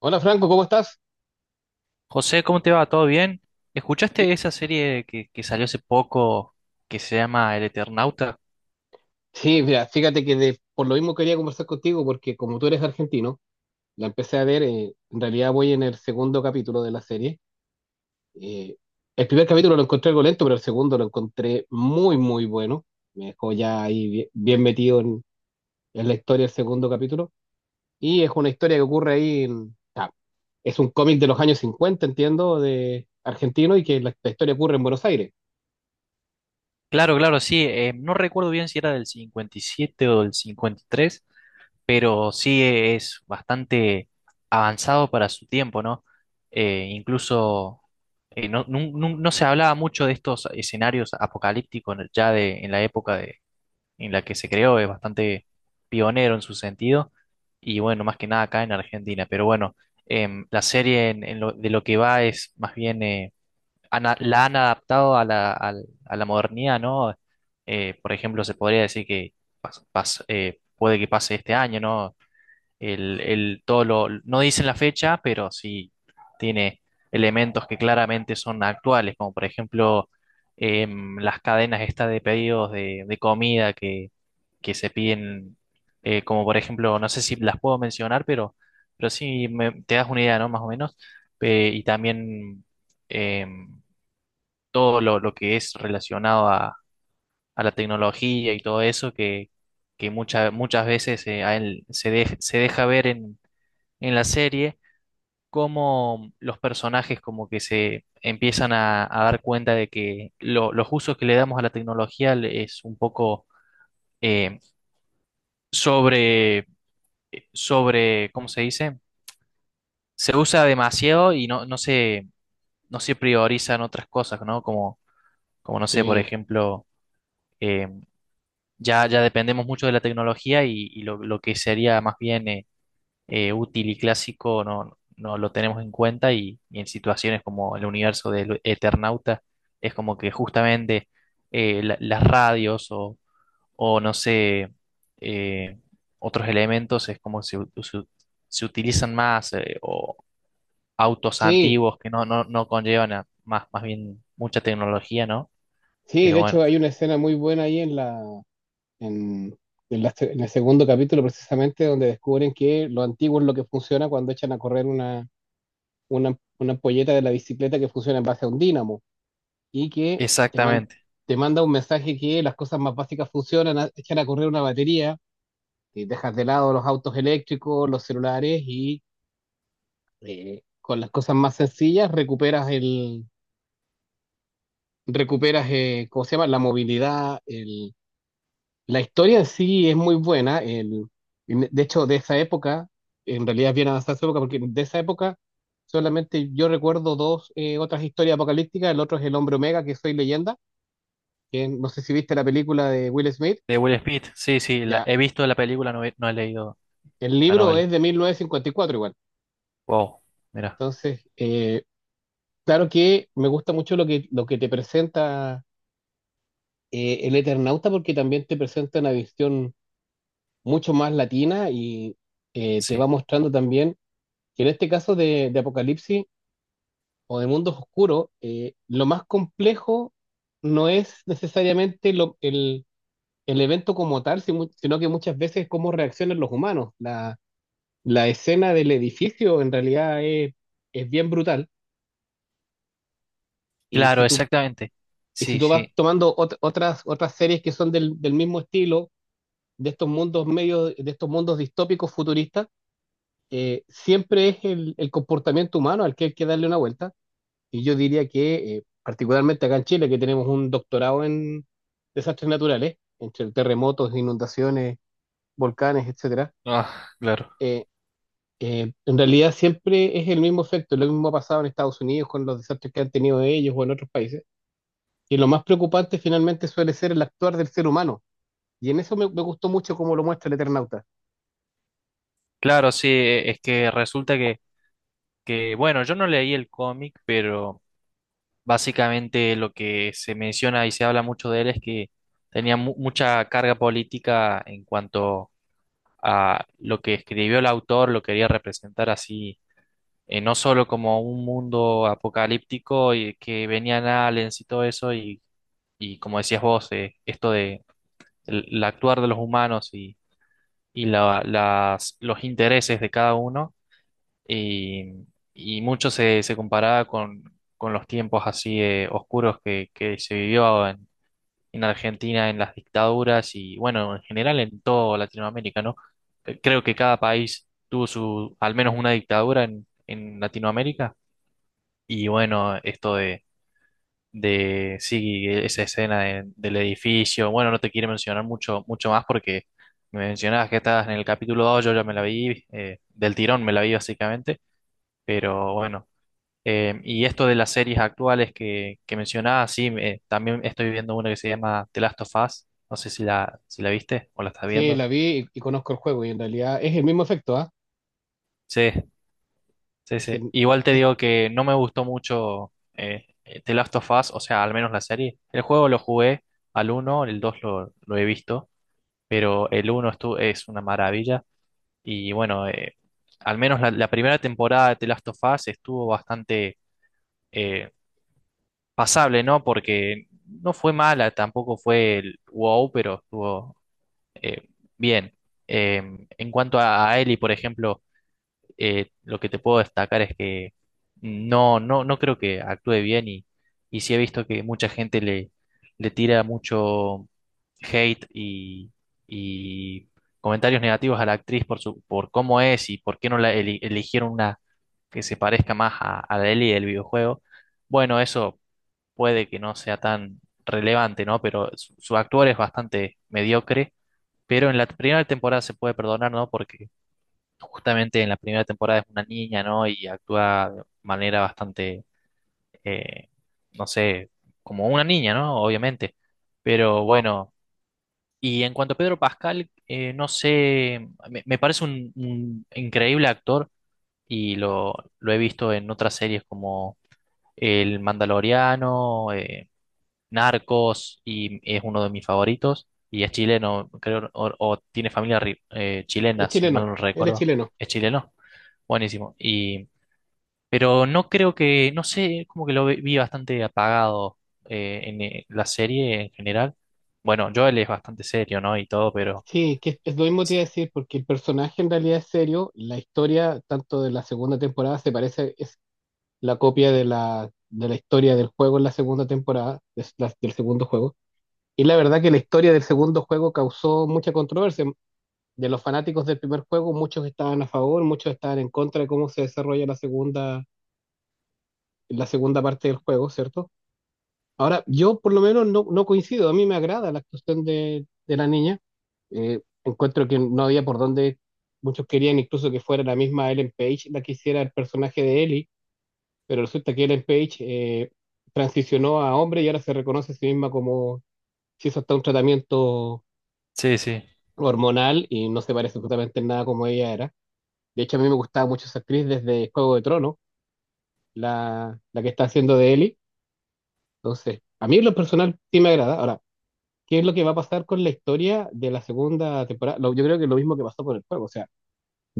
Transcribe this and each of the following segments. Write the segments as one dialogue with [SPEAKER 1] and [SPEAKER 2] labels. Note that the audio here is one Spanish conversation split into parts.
[SPEAKER 1] Hola Franco, ¿cómo estás?
[SPEAKER 2] José, ¿cómo te va? ¿Todo bien?
[SPEAKER 1] Mi-
[SPEAKER 2] ¿Escuchaste esa serie que salió hace poco que se llama El Eternauta?
[SPEAKER 1] Sí, mira, fíjate que por lo mismo quería conversar contigo porque como tú eres argentino, la empecé a ver, en realidad voy en el segundo capítulo de la serie. Eh, el primer capítulo lo encontré algo lento, pero el segundo lo encontré muy, muy bueno. Me dejó ya ahí bien, bien metido en la historia del segundo capítulo. Y es una historia que ocurre ahí en... es un cómic de los años 50, entiendo, de argentino y que la historia ocurre en Buenos Aires.
[SPEAKER 2] Claro, claro, sí. No recuerdo bien si era del 57 o del 53, pero sí es bastante avanzado para su tiempo, ¿no? Incluso no, no se hablaba mucho de estos escenarios apocalípticos ya en la época en la que se creó, es bastante pionero en su sentido, y bueno, más que nada acá en Argentina. Pero bueno, la serie de lo que va es más bien, la han adaptado a a la modernidad, ¿no? Por ejemplo, se podría decir que puede que pase este año, ¿no? Todo lo, no dicen la fecha, pero sí tiene elementos que claramente son actuales, como por ejemplo las cadenas estas de pedidos de comida que se piden, como por ejemplo, no sé si las puedo mencionar, pero sí te das una idea, ¿no? Más o menos. Y también eh, todo lo que es relacionado a la tecnología y todo eso, que muchas veces a él se, se deja ver en la serie. Cómo los personajes como que se empiezan a dar cuenta de que los usos que le damos a la tecnología es un poco eh, sobre, ¿cómo se dice? Se usa demasiado y no se, no se priorizan otras cosas, ¿no? Como, como no sé, por
[SPEAKER 1] Sí,
[SPEAKER 2] ejemplo, eh, ya, ya dependemos mucho de la tecnología y lo que sería más bien útil y clásico no, no lo tenemos en cuenta y en situaciones como el universo del Eternauta es como que justamente las radios o no sé, eh, otros elementos es como se, se, se utilizan más autos
[SPEAKER 1] sí,
[SPEAKER 2] antiguos que no, no, no conllevan más, más bien mucha tecnología, ¿no?
[SPEAKER 1] sí,
[SPEAKER 2] Pero
[SPEAKER 1] de
[SPEAKER 2] bueno,
[SPEAKER 1] hecho hay una escena muy buena ahí en la, en, en el segundo capítulo precisamente donde descubren que lo antiguo es lo que funciona cuando echan a correr una ampolleta de la bicicleta que funciona en base a un dínamo y que
[SPEAKER 2] exactamente.
[SPEAKER 1] te manda un mensaje que las cosas más básicas funcionan, echan a correr una batería, y dejas de lado los autos eléctricos, los celulares y con las cosas más sencillas recuperas el... recuperas, ¿cómo se llama? La movilidad, el, la historia en sí es muy buena. De hecho, de esa época, en realidad es bien avanzada esa época, porque de esa época solamente yo recuerdo dos otras historias apocalípticas. El otro es El Hombre Omega, que soy leyenda, que no sé si viste la película de Will Smith.
[SPEAKER 2] De Will Smith, sí, sí,
[SPEAKER 1] Ya,
[SPEAKER 2] he visto la película, no he, no he leído
[SPEAKER 1] el
[SPEAKER 2] la
[SPEAKER 1] libro
[SPEAKER 2] novela.
[SPEAKER 1] es de 1954 igual.
[SPEAKER 2] Wow, mira,
[SPEAKER 1] Entonces, claro que me gusta mucho lo que te presenta el Eternauta, porque también te presenta una visión mucho más latina y te va
[SPEAKER 2] sí.
[SPEAKER 1] mostrando también que en este caso de Apocalipsis o de mundos oscuros, lo más complejo no es necesariamente el evento como tal, sino que muchas veces cómo reaccionan los humanos. La escena del edificio en realidad es bien brutal y si
[SPEAKER 2] Claro,
[SPEAKER 1] tú,
[SPEAKER 2] exactamente.
[SPEAKER 1] y si
[SPEAKER 2] Sí,
[SPEAKER 1] tú vas
[SPEAKER 2] sí.
[SPEAKER 1] tomando otras, otras series que son del, del mismo estilo, de estos mundos medios, de estos mundos distópicos futuristas, siempre es el comportamiento humano al que hay que darle una vuelta. Y yo diría que, particularmente acá en Chile, que tenemos un doctorado en desastres naturales, entre terremotos, inundaciones, volcanes, etcétera,
[SPEAKER 2] Ah, claro.
[SPEAKER 1] eh, en realidad siempre es el mismo efecto. Lo mismo ha pasado en Estados Unidos con los desastres que han tenido ellos o en otros países. Y lo más preocupante finalmente suele ser el actuar del ser humano. Y en eso me, me gustó mucho cómo lo muestra el Eternauta.
[SPEAKER 2] Claro, sí, es que resulta que, bueno, yo no leí el cómic, pero... Básicamente lo que se menciona y se habla mucho de él es que tenía mucha carga política en cuanto a lo que escribió el autor, lo quería representar así, no solo como un mundo apocalíptico y que venían aliens y todo eso, y como decías vos, esto de el actuar de los humanos y los intereses de cada uno, y, y mucho se, se comparaba con los tiempos así oscuros que se vivió en Argentina, en las dictaduras y bueno, en general en toda Latinoamérica, ¿no? Creo que cada país tuvo su, al menos una dictadura en Latinoamérica y bueno, esto de sí, esa escena del edificio, bueno, no te quiero mencionar mucho, mucho más porque me mencionabas que estabas en el capítulo dos. Yo ya me la vi, del tirón me la vi básicamente, pero bueno. Y esto de las series actuales que mencionaba, sí, también estoy viendo una que se llama The Last of Us. No sé si la, si la viste o la estás
[SPEAKER 1] Sí,
[SPEAKER 2] viendo.
[SPEAKER 1] la vi y conozco el juego y en realidad es el mismo efecto, ¿ah?
[SPEAKER 2] Sí, sí,
[SPEAKER 1] Es,
[SPEAKER 2] sí.
[SPEAKER 1] el-
[SPEAKER 2] Igual te
[SPEAKER 1] es,
[SPEAKER 2] digo que no me gustó mucho The Last of Us, o sea, al menos la serie. El juego lo jugué al uno, el 2 lo he visto, pero el uno es una maravilla. Y bueno, al menos la, la primera temporada de The Last of Us estuvo bastante... eh, pasable, ¿no? Porque no fue mala, tampoco fue el wow, pero estuvo eh, bien. En cuanto a Ellie, por ejemplo, lo que te puedo destacar es que no, no, no creo que actúe bien y sí he visto que mucha gente le, le tira mucho hate y comentarios negativos a la actriz por su, por cómo es y por qué no la eligieron una que se parezca más a la Ellie del videojuego. Bueno, eso puede que no sea tan relevante, ¿no? Pero su actuar es bastante mediocre. Pero en la primera temporada se puede perdonar, ¿no? Porque justamente en la primera temporada es una niña, ¿no? Y actúa de manera bastante, eh, no sé, como una niña, ¿no? Obviamente. Pero bueno, y en cuanto a Pedro Pascal, no sé, me parece un increíble actor y lo he visto en otras series como El Mandaloriano, Narcos y es uno de mis favoritos. Y es chileno, creo, o tiene familia
[SPEAKER 1] es
[SPEAKER 2] chilena, si mal
[SPEAKER 1] chileno,
[SPEAKER 2] no
[SPEAKER 1] él es
[SPEAKER 2] recuerdo.
[SPEAKER 1] chileno.
[SPEAKER 2] Es chileno. Buenísimo. Y, pero no creo que, no sé, como que lo vi bastante apagado en la serie en general. Bueno, Joel es bastante serio, ¿no? Y todo, pero...
[SPEAKER 1] Sí, que es lo mismo que te iba a decir, porque el personaje en realidad es serio, la historia, tanto de la segunda temporada, se parece, es la copia de la historia del juego en la segunda temporada, es del segundo juego. Y la verdad que la historia del segundo juego causó mucha controversia. De los fanáticos del primer juego, muchos estaban a favor, muchos estaban en contra de cómo se desarrolla la segunda parte del juego, ¿cierto? Ahora, yo por lo menos no, no coincido, a mí me agrada la actuación de la niña. Encuentro que no había por dónde, muchos querían incluso que fuera la misma Ellen Page la que hiciera el personaje de Ellie, pero resulta que Ellen Page transicionó a hombre y ahora se reconoce a sí misma como si hizo hasta un tratamiento
[SPEAKER 2] Sí, sí,
[SPEAKER 1] hormonal y no se parece absolutamente en nada como ella era. De hecho, a mí me gustaba mucho esa actriz desde Juego de Tronos, la que está haciendo de Ellie. Entonces, a mí en lo personal sí me agrada. Ahora, qué es lo que va a pasar con la historia de la segunda temporada. Yo creo que lo mismo que pasó con el juego, o sea,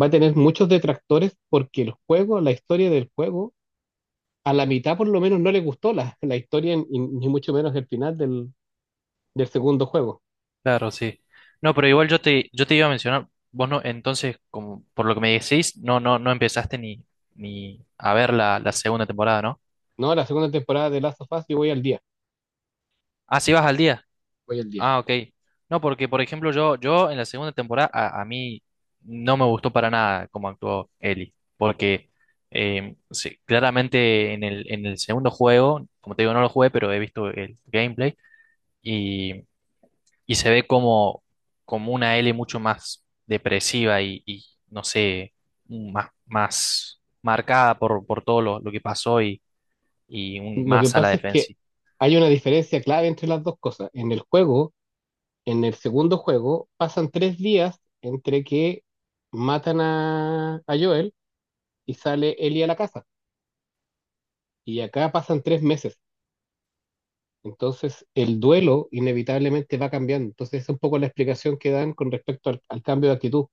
[SPEAKER 1] va a tener muchos detractores porque el juego, la historia del juego, a la mitad por lo menos no le gustó la, la historia ni mucho menos el final del, del segundo juego.
[SPEAKER 2] claro, sí. No, pero igual yo te iba a mencionar, vos no, entonces, como por lo que me decís, no, no, no empezaste ni, ni a ver la, la segunda temporada, ¿no?
[SPEAKER 1] No, la segunda temporada de Last of Us, yo voy al día,
[SPEAKER 2] Ah, sí vas al día.
[SPEAKER 1] voy al día.
[SPEAKER 2] Ah, ok. No, porque por ejemplo yo, yo en la segunda temporada a mí no me gustó para nada cómo actuó Ellie, porque sí, claramente en en el segundo juego, como te digo, no lo jugué, pero he visto el gameplay y, y se ve como, como una Ellie mucho más depresiva no sé, más, más marcada por todo lo que pasó y
[SPEAKER 1] Lo que
[SPEAKER 2] más a la
[SPEAKER 1] pasa es que
[SPEAKER 2] defensiva.
[SPEAKER 1] hay una diferencia clave entre las dos cosas. En el juego, en el segundo juego, pasan 3 días entre que matan a Joel y sale Ellie a la casa. Y acá pasan 3 meses. Entonces, el duelo inevitablemente va cambiando. Entonces, es un poco la explicación que dan con respecto al, al cambio de actitud.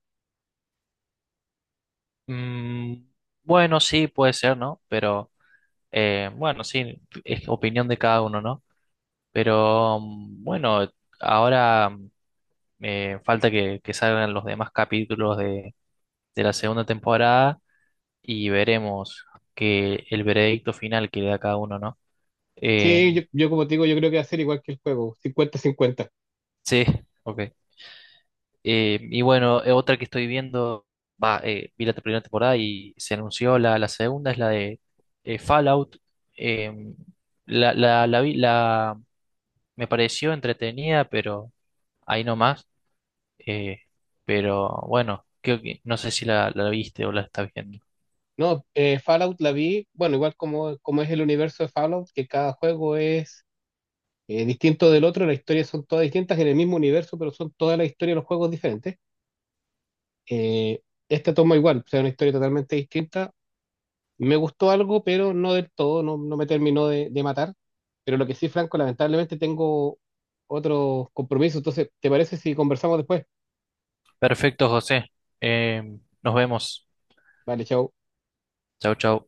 [SPEAKER 2] Mm, bueno, sí, puede ser, ¿no? Pero... bueno, sí, es opinión de cada uno, ¿no? Pero mm, bueno, ahora mm, falta que salgan los demás capítulos de la segunda temporada y veremos que el veredicto final que le da cada uno, ¿no? Eh,
[SPEAKER 1] Sí, yo como te digo, yo creo que va a ser igual que el juego, 50-50.
[SPEAKER 2] sí, ok. Y bueno, otra que estoy viendo, va, vi la primera temporada y se anunció la, la segunda, es la de Fallout. Em, la, la, la vi- la- me pareció entretenida, pero ahí nomás. Eh, pero bueno, creo que no sé si la, la viste o la estás viendo.
[SPEAKER 1] No, Fallout la vi, bueno, igual como, como es el universo de Fallout, que cada juego es distinto del otro, las historias son todas distintas en el mismo universo, pero son todas las historias de los juegos diferentes. Eh, Esta toma igual, o sea, una historia totalmente distinta, me gustó algo, pero no del todo, no, no me terminó de matar. Pero lo que sí, Franco, lamentablemente tengo otro compromiso. Entonces, ¿te parece si conversamos después?
[SPEAKER 2] Perfecto, José. Eh, nos vemos.
[SPEAKER 1] Vale, chao.
[SPEAKER 2] Chau, chau.